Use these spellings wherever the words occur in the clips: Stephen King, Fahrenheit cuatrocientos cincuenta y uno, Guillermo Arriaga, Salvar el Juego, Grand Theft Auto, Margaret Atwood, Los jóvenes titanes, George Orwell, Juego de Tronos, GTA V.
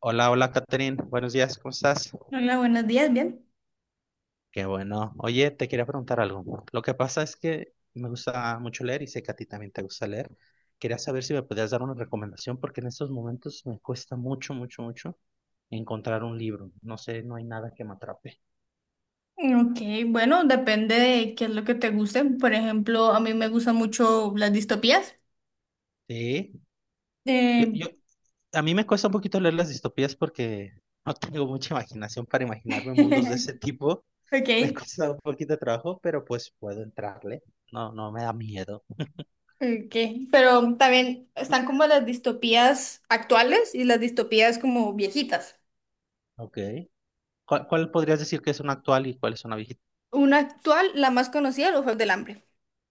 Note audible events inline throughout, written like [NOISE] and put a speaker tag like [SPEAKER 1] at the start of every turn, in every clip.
[SPEAKER 1] Hola, hola, Catherine. Buenos días, ¿cómo estás?
[SPEAKER 2] Hola, buenos días, bien.
[SPEAKER 1] Qué bueno. Oye, te quería preguntar algo. Lo que pasa es que me gusta mucho leer y sé que a ti también te gusta leer. Quería saber si me podías dar una recomendación porque en estos momentos me cuesta mucho, mucho, mucho encontrar un libro. No sé, no hay nada que me atrape.
[SPEAKER 2] Ok, bueno, depende de qué es lo que te guste. Por ejemplo, a mí me gustan mucho las distopías.
[SPEAKER 1] Sí, yo,
[SPEAKER 2] Eh,
[SPEAKER 1] yo, a mí me cuesta un poquito leer las distopías porque no tengo mucha imaginación para imaginarme mundos de ese tipo. [LAUGHS]
[SPEAKER 2] [LAUGHS]
[SPEAKER 1] Me
[SPEAKER 2] ok,
[SPEAKER 1] cuesta un poquito de trabajo, pero pues puedo entrarle. No, no me da miedo.
[SPEAKER 2] ok. Pero también están como las distopías actuales y las distopías como viejitas.
[SPEAKER 1] Ok. ¿Cuál podrías decir que es una actual y cuál es una viejita?
[SPEAKER 2] Una actual, la más conocida, Los Juegos del Hambre.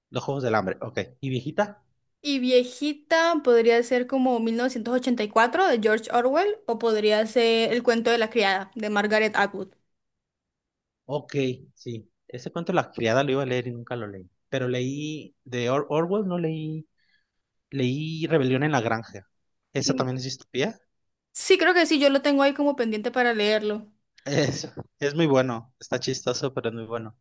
[SPEAKER 1] Los Juegos del Hambre, ok. ¿Y viejita?
[SPEAKER 2] Y viejita podría ser como 1984 de George Orwell o podría ser El cuento de la criada de Margaret Atwood.
[SPEAKER 1] Ok, sí. Ese cuento La Criada lo iba a leer y nunca lo leí. Pero leí de Orwell, no leí, leí Rebelión en la Granja. ¿Esa
[SPEAKER 2] Mm,
[SPEAKER 1] también es distopía? [LAUGHS]
[SPEAKER 2] Sí, creo que sí, yo lo tengo ahí como pendiente para leerlo.
[SPEAKER 1] Es, es muy bueno, está chistoso, pero es muy bueno.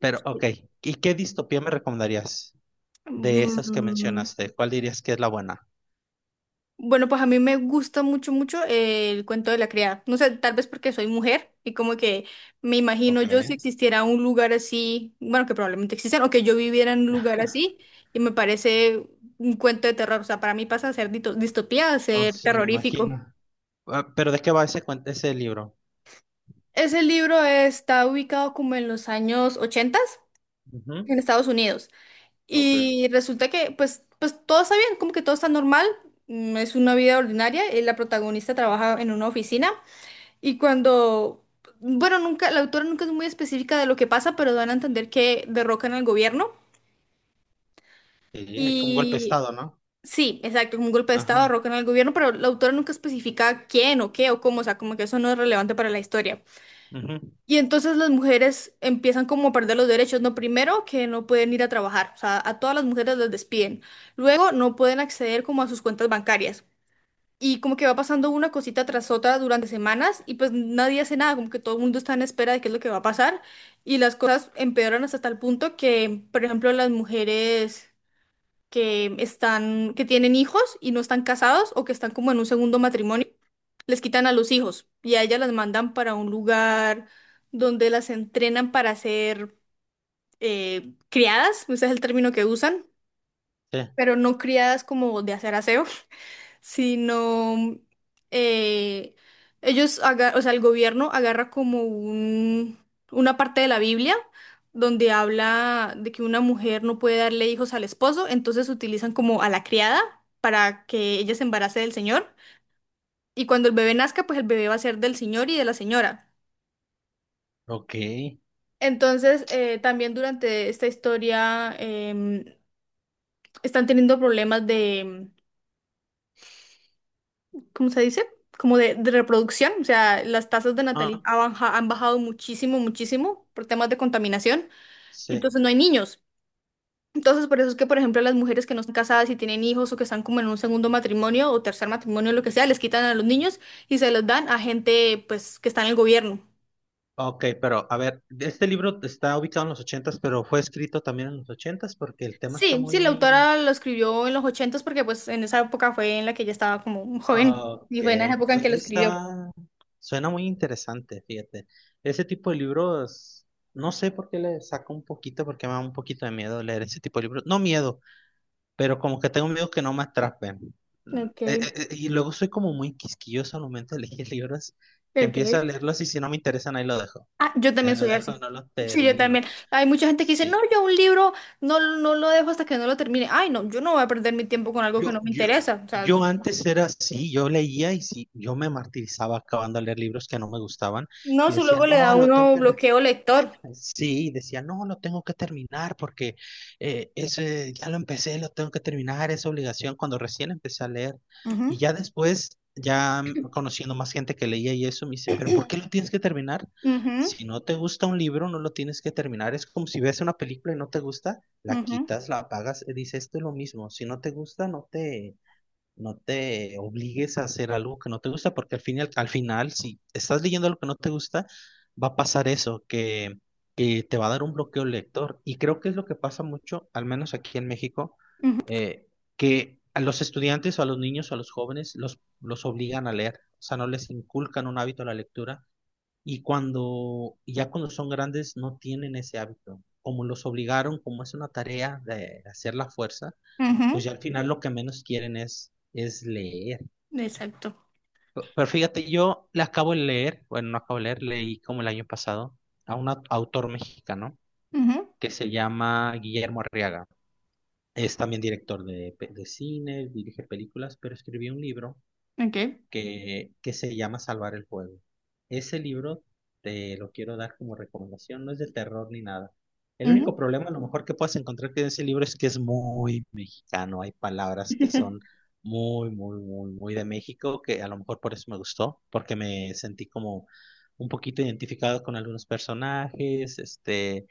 [SPEAKER 1] Pero, ok, ¿y qué distopía me recomendarías de esas que
[SPEAKER 2] Mm,
[SPEAKER 1] mencionaste? ¿Cuál dirías que es la buena?
[SPEAKER 2] Bueno, pues a mí me gusta mucho, mucho el cuento de la criada. No sé, tal vez porque soy mujer y como que me imagino
[SPEAKER 1] Ok,
[SPEAKER 2] yo si existiera un lugar así, bueno, que probablemente existan, o que yo viviera en un lugar así y me parece un cuento de terror. O sea, para mí pasa a ser distopía, a
[SPEAKER 1] oh,
[SPEAKER 2] ser
[SPEAKER 1] se me
[SPEAKER 2] terrorífico.
[SPEAKER 1] imagino. Ah, ¿pero de qué va ese, ese libro?
[SPEAKER 2] Ese libro está ubicado como en los años 80
[SPEAKER 1] Ujú.
[SPEAKER 2] en Estados Unidos.
[SPEAKER 1] Ok.
[SPEAKER 2] Y resulta que, pues todo está bien, como que todo está normal. Es una vida ordinaria. La protagonista trabaja en una oficina y cuando, bueno, nunca, la autora nunca es muy específica de lo que pasa, pero dan a entender que derrocan al gobierno.
[SPEAKER 1] Sí, es como un golpe de
[SPEAKER 2] Y
[SPEAKER 1] estado, ¿no?
[SPEAKER 2] sí, exacto, como un golpe de estado
[SPEAKER 1] Ajá,
[SPEAKER 2] derrocan al gobierno, pero la autora nunca especifica quién o qué o cómo, o sea, como que eso no es relevante para la historia.
[SPEAKER 1] ujú.
[SPEAKER 2] Y entonces las mujeres empiezan como a perder los derechos, ¿no? Primero que no pueden ir a trabajar, o sea, a todas las mujeres las despiden. Luego no pueden acceder como a sus cuentas bancarias. Y como que va pasando una cosita tras otra durante semanas y pues nadie hace nada, como que todo el mundo está en espera de qué es lo que va a pasar. Y las cosas empeoran hasta tal punto que, por ejemplo, las mujeres que están, que tienen hijos y no están casados o que están como en un segundo matrimonio, les quitan a los hijos y a ellas las mandan para un lugar donde las entrenan para ser criadas, ese es el término que usan,
[SPEAKER 1] Sí.
[SPEAKER 2] pero no criadas como de hacer aseo sino eh, ellos, o sea, el gobierno agarra como una parte de la Biblia donde habla de que una mujer no puede darle hijos al esposo, entonces utilizan como a la criada para que ella se embarace del señor y cuando el bebé nazca, pues el bebé va a ser del señor y de la señora.
[SPEAKER 1] Ok.
[SPEAKER 2] Entonces, también durante esta historia em, están teniendo problemas, ¿cómo se dice? Como de reproducción. O sea, las tasas de natalidad
[SPEAKER 1] Ajá.
[SPEAKER 2] han bajado muchísimo, muchísimo por temas de contaminación. Y entonces
[SPEAKER 1] Sí.
[SPEAKER 2] no hay niños. Entonces, por eso es que, por ejemplo, las mujeres que no están casadas y tienen hijos o que están como en un segundo matrimonio o tercer matrimonio, lo que sea, les quitan a los niños y se los dan a gente, pues, que está en el gobierno.
[SPEAKER 1] Ok, pero a ver, este libro está ubicado en los ochentas, pero fue escrito también en los ochentas porque el tema está
[SPEAKER 2] Sí, sí, la
[SPEAKER 1] muy...
[SPEAKER 2] autora lo escribió en los ochentas porque, pues, en esa época fue en la que ella estaba como
[SPEAKER 1] Ah,
[SPEAKER 2] joven
[SPEAKER 1] ok.
[SPEAKER 2] y fue en esa época en que lo escribió.
[SPEAKER 1] Está... Suena muy interesante, fíjate. Ese tipo de libros, no sé por qué le saco un poquito, porque me da un poquito de miedo leer ese tipo de libros. No miedo, pero como que tengo miedo que no me atrapen.
[SPEAKER 2] Ok,
[SPEAKER 1] Y luego soy como muy quisquilloso al momento de elegir [LAUGHS] libros, que empiezo
[SPEAKER 2] ok.
[SPEAKER 1] a leerlos y si no me interesan, ahí lo dejo.
[SPEAKER 2] Ah, yo
[SPEAKER 1] Ahí
[SPEAKER 2] también
[SPEAKER 1] lo
[SPEAKER 2] soy
[SPEAKER 1] dejo,
[SPEAKER 2] así.
[SPEAKER 1] no lo
[SPEAKER 2] Sí, yo
[SPEAKER 1] termino.
[SPEAKER 2] también. Hay mucha gente que dice, no,
[SPEAKER 1] Sí.
[SPEAKER 2] yo un libro no lo dejo hasta que no lo termine. Ay, no, yo no voy a perder mi tiempo con algo que
[SPEAKER 1] Yo,
[SPEAKER 2] no me
[SPEAKER 1] yo,
[SPEAKER 2] interesa. O sea,
[SPEAKER 1] yo antes era así, yo leía y sí, yo me martirizaba acabando de leer libros que no me gustaban
[SPEAKER 2] no,
[SPEAKER 1] y
[SPEAKER 2] eso
[SPEAKER 1] decía,
[SPEAKER 2] luego le da
[SPEAKER 1] no,
[SPEAKER 2] a
[SPEAKER 1] lo tengo
[SPEAKER 2] uno
[SPEAKER 1] que...
[SPEAKER 2] bloqueo lector.
[SPEAKER 1] Sí, decía, no, lo tengo que terminar porque eso, ya lo empecé, lo tengo que terminar, es obligación cuando recién empecé a leer.
[SPEAKER 2] Ujú,
[SPEAKER 1] Y ya después, ya conociendo más gente que leía y eso, me dice, pero ¿por qué lo tienes que terminar?
[SPEAKER 2] ujú,
[SPEAKER 1] Si no te gusta un libro, no lo tienes que terminar. Es como si ves una película y no te gusta, la
[SPEAKER 2] ujú,
[SPEAKER 1] quitas, la apagas. Dice, esto es lo mismo. Si no te gusta, no te obligues a hacer algo que no te gusta, porque al fin y al final, si estás leyendo algo que no te gusta, va a pasar eso, que te va a dar un bloqueo lector. Y creo que es lo que pasa mucho, al menos aquí en México,
[SPEAKER 2] ujú,
[SPEAKER 1] eh, que a los estudiantes o a los niños o a los jóvenes los obligan a leer, o sea, no les inculcan un hábito a la lectura. Y cuando, ya cuando son grandes, no tienen ese hábito. Como los obligaron, como es una tarea de hacer la fuerza
[SPEAKER 2] ujú.
[SPEAKER 1] pues ya al final lo que menos quieren es leer.
[SPEAKER 2] Exacto.
[SPEAKER 1] Pero fíjate, yo le acabo de leer, bueno, no acabo de leer, leí como el año pasado a un autor mexicano
[SPEAKER 2] Ujú,
[SPEAKER 1] que se llama Guillermo Arriaga. Es también director de, de cine, dirige películas, pero escribió un libro
[SPEAKER 2] okay.
[SPEAKER 1] que se llama Salvar el Juego. Ese libro te lo quiero dar como recomendación, no es de terror ni nada. El único
[SPEAKER 2] Ujú,
[SPEAKER 1] problema, a lo mejor que puedas encontrar en ese libro es que es muy mexicano, hay palabras que son muy, muy, muy, muy de México, que a lo mejor por eso me gustó, porque me sentí como un poquito identificado con algunos personajes, este,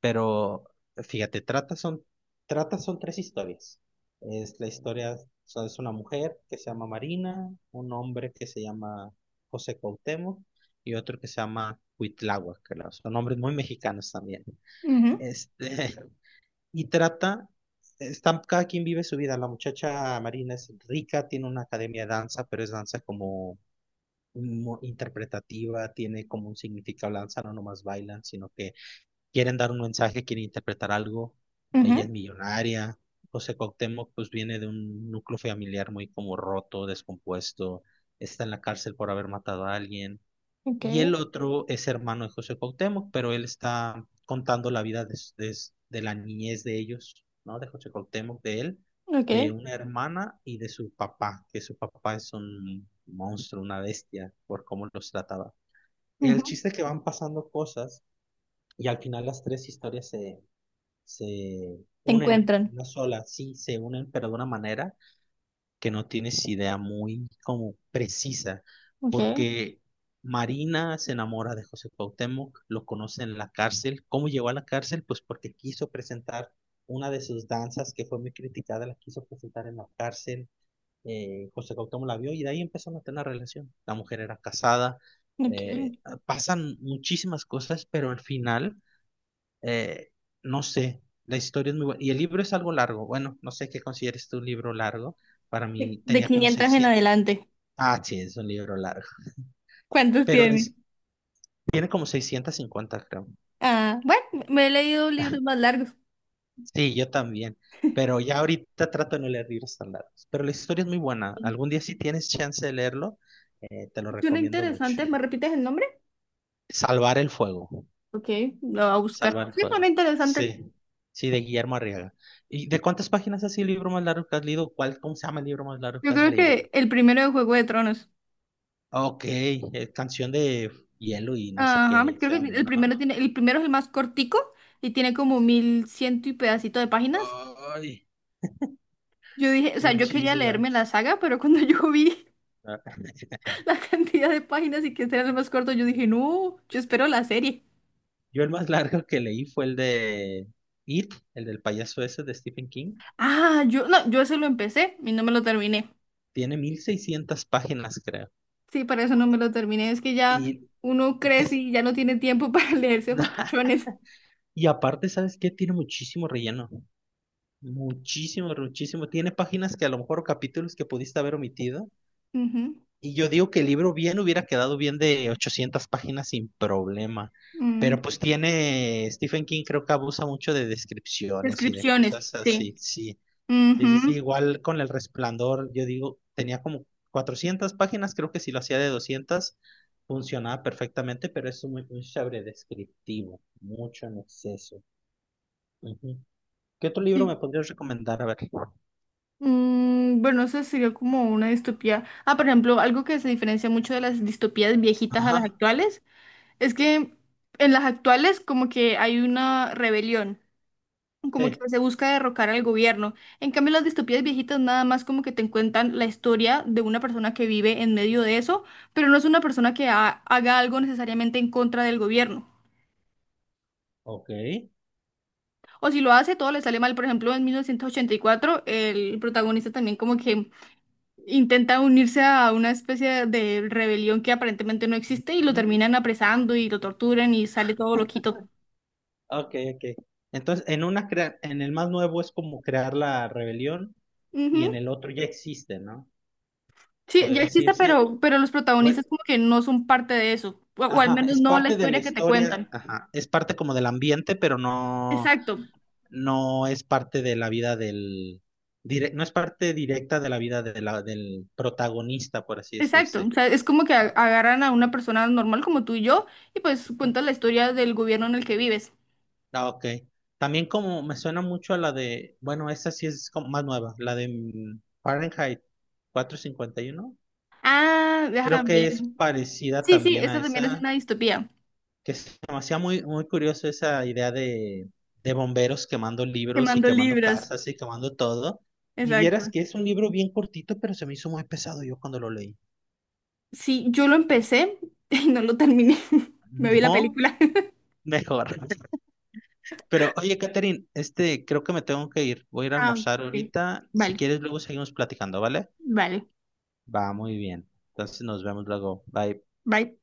[SPEAKER 1] pero fíjate, trata son tres historias. Es la historia, o sea, es una mujer que se llama Marina, un hombre que se llama José Cuauhtémoc y otro que se llama Cuitláhuac, que son nombres muy mexicanos también.
[SPEAKER 2] ujú,
[SPEAKER 1] Este, [LAUGHS] y trata, están, cada quien vive su vida. La muchacha Marina es rica, tiene una academia de danza, pero es danza como interpretativa, tiene como un significado, danza no nomás bailan, sino que quieren dar un mensaje, quieren interpretar algo. Ella
[SPEAKER 2] ujú.
[SPEAKER 1] es millonaria. José Cuauhtémoc, pues viene de un núcleo familiar muy como roto, descompuesto. Está en la cárcel por haber matado a alguien. Y
[SPEAKER 2] Okay,
[SPEAKER 1] el otro es hermano de José Cuauhtémoc, pero él está contando la vida de la niñez de ellos, ¿no? De José Cuauhtémoc, de él, de
[SPEAKER 2] okay.
[SPEAKER 1] una hermana y de su papá, que su papá es un monstruo, una bestia, por cómo los trataba. El
[SPEAKER 2] Ujú.
[SPEAKER 1] chiste es que van pasando cosas y al final las tres historias se
[SPEAKER 2] Se
[SPEAKER 1] unen,
[SPEAKER 2] encuentran.
[SPEAKER 1] una sola, sí, se unen, pero de una manera que no tienes idea muy como precisa,
[SPEAKER 2] Okay,
[SPEAKER 1] porque Marina se enamora de José Cuauhtémoc, lo conoce en la cárcel. ¿Cómo llegó a la cárcel? Pues porque quiso presentar una de sus danzas que fue muy criticada, la quiso presentar en la cárcel. José Cuauhtémoc la vio y de ahí empezaron a tener una relación. La mujer era casada,
[SPEAKER 2] okay.
[SPEAKER 1] eh, pasan muchísimas cosas, pero al final eh, no sé, la historia es muy buena. Y el libro es algo largo. Bueno, no sé qué consideres tú un libro largo. Para mí
[SPEAKER 2] De
[SPEAKER 1] tenía como
[SPEAKER 2] 500 en
[SPEAKER 1] 600.
[SPEAKER 2] adelante.
[SPEAKER 1] Ah, sí, es un libro largo.
[SPEAKER 2] ¿Cuántos
[SPEAKER 1] Pero
[SPEAKER 2] tiene?
[SPEAKER 1] les, tiene como 650 creo.
[SPEAKER 2] Ah, bueno, me he leído libros más largos.
[SPEAKER 1] Sí, yo también. Pero ya ahorita trato de no leer libros tan largos. Pero la historia es muy buena. Algún día si tienes chance de leerlo, te lo
[SPEAKER 2] Suena
[SPEAKER 1] recomiendo mucho.
[SPEAKER 2] interesante, ¿me repites el nombre?
[SPEAKER 1] Salvar el fuego.
[SPEAKER 2] Ok, lo voy a buscar.
[SPEAKER 1] Salvar el
[SPEAKER 2] Sí, suena
[SPEAKER 1] fuego.
[SPEAKER 2] interesante.
[SPEAKER 1] Sí. Sí, de Guillermo Arriaga. ¿Y de cuántas páginas así el libro más largo que has leído? ¿Cuál, cómo se llama el libro más largo
[SPEAKER 2] Yo
[SPEAKER 1] que has
[SPEAKER 2] creo
[SPEAKER 1] leído?
[SPEAKER 2] que el primero de Juego de Tronos.
[SPEAKER 1] Ok, es canción de hielo y no sé
[SPEAKER 2] Ajá,
[SPEAKER 1] qué
[SPEAKER 2] creo
[SPEAKER 1] se
[SPEAKER 2] que
[SPEAKER 1] llama,
[SPEAKER 2] el
[SPEAKER 1] ¿no?
[SPEAKER 2] primero tiene, el primero es el más cortico y tiene como mil ciento y pedacito de páginas.
[SPEAKER 1] Ay,
[SPEAKER 2] Yo dije, o sea, yo quería leerme la
[SPEAKER 1] muchísimas.
[SPEAKER 2] saga, pero [LAUGHS] cuando yo vi
[SPEAKER 1] Ah,
[SPEAKER 2] [LAUGHS] la cantidad de páginas y que este era el más corto, yo dije, no, yo espero la serie.
[SPEAKER 1] yo el más largo que leí fue el de It, el del payaso ese de Stephen King.
[SPEAKER 2] Ah, no, yo eso lo empecé y no me lo terminé.
[SPEAKER 1] Tiene 1600 páginas, creo.
[SPEAKER 2] Sí, para eso no me lo terminé. Es que ya
[SPEAKER 1] Y,
[SPEAKER 2] uno crece
[SPEAKER 1] te-
[SPEAKER 2] y ya no tiene tiempo para [LAUGHS] leerse esos tochones.
[SPEAKER 1] [LAUGHS] y aparte, ¿sabes qué? Tiene muchísimo relleno. Muchísimo, muchísimo. Tiene páginas que a lo mejor o capítulos que pudiste haber omitido.
[SPEAKER 2] Ujú.
[SPEAKER 1] Y yo digo que el libro bien hubiera quedado bien de 800 páginas sin problema,
[SPEAKER 2] Mm.
[SPEAKER 1] pero pues tiene, Stephen King creo que abusa mucho de descripciones y de
[SPEAKER 2] Descripciones,
[SPEAKER 1] cosas
[SPEAKER 2] sí.
[SPEAKER 1] así, sí, sí,
[SPEAKER 2] Ujú.
[SPEAKER 1] igual con El Resplandor, yo digo, tenía como 400 páginas, creo que si lo hacía de 200 funcionaba perfectamente, pero es muy, muy sobredescriptivo, mucho en exceso. Ujú. ¿Qué otro libro
[SPEAKER 2] Sí.
[SPEAKER 1] me podrías recomendar? A ver.
[SPEAKER 2] Bueno, eso sería como una distopía. Ah, por ejemplo, algo que se diferencia mucho de las distopías viejitas a las
[SPEAKER 1] Ajá,
[SPEAKER 2] actuales es que en las actuales como que hay una rebelión, como que
[SPEAKER 1] sí,
[SPEAKER 2] se busca derrocar al gobierno. En cambio, las distopías viejitas nada más como que te cuentan la historia de una persona que vive en medio de eso, pero no es una persona que haga algo necesariamente en contra del gobierno.
[SPEAKER 1] ok.
[SPEAKER 2] O si lo hace, todo le sale mal. Por ejemplo, en 1984, el protagonista también como que intenta unirse a una especie de rebelión que aparentemente no existe y lo
[SPEAKER 1] Ujú.
[SPEAKER 2] terminan apresando y lo torturan y sale todo loquito.
[SPEAKER 1] Ok, ok. Entonces, en una en el más nuevo es como crear la rebelión y en
[SPEAKER 2] Ujú.
[SPEAKER 1] el otro ya existe, ¿no?
[SPEAKER 2] Sí, ya
[SPEAKER 1] Puede
[SPEAKER 2] existe,
[SPEAKER 1] decirse,
[SPEAKER 2] pero los
[SPEAKER 1] pues,
[SPEAKER 2] protagonistas como que no son parte de eso, o al
[SPEAKER 1] ajá,
[SPEAKER 2] menos
[SPEAKER 1] es
[SPEAKER 2] no la
[SPEAKER 1] parte de la
[SPEAKER 2] historia que te
[SPEAKER 1] historia,
[SPEAKER 2] cuentan.
[SPEAKER 1] ajá, es parte como del ambiente, pero no,
[SPEAKER 2] Exacto,
[SPEAKER 1] no es parte de la vida del, no es parte directa de la vida de del protagonista, por así
[SPEAKER 2] exacto. O
[SPEAKER 1] decirse.
[SPEAKER 2] sea, es como que
[SPEAKER 1] Ah,
[SPEAKER 2] agarran a una persona normal como tú y yo y pues
[SPEAKER 1] ujú.
[SPEAKER 2] cuentan la historia del gobierno en el que vives.
[SPEAKER 1] Ah, ok. También como me suena mucho a la de, bueno, esa sí es como más nueva, la de Fahrenheit 451.
[SPEAKER 2] Ah, deja
[SPEAKER 1] Creo que es
[SPEAKER 2] también.
[SPEAKER 1] parecida
[SPEAKER 2] Sí, sí,
[SPEAKER 1] también
[SPEAKER 2] esta
[SPEAKER 1] a
[SPEAKER 2] también es una
[SPEAKER 1] esa,
[SPEAKER 2] distopía.
[SPEAKER 1] que es demasiado muy, muy curioso esa idea de bomberos quemando libros y
[SPEAKER 2] Quemando
[SPEAKER 1] quemando
[SPEAKER 2] libras,
[SPEAKER 1] casas y quemando todo. Y
[SPEAKER 2] exacto.
[SPEAKER 1] vieras que es un libro bien cortito, pero se me hizo muy pesado yo cuando lo leí.
[SPEAKER 2] Sí, yo lo empecé [LAUGHS] y no lo terminé. [LAUGHS] Me vi la
[SPEAKER 1] No,
[SPEAKER 2] película. [LAUGHS]
[SPEAKER 1] mejor. [LAUGHS] Pero oye, Catherine, este, creo que me tengo que ir. Voy a ir a
[SPEAKER 2] Ah,
[SPEAKER 1] almorzar
[SPEAKER 2] ok.
[SPEAKER 1] ahorita. Si
[SPEAKER 2] Vale,
[SPEAKER 1] quieres, luego seguimos platicando, ¿vale?
[SPEAKER 2] vale.
[SPEAKER 1] Va, muy bien. Entonces nos vemos luego. Bye.
[SPEAKER 2] Bye.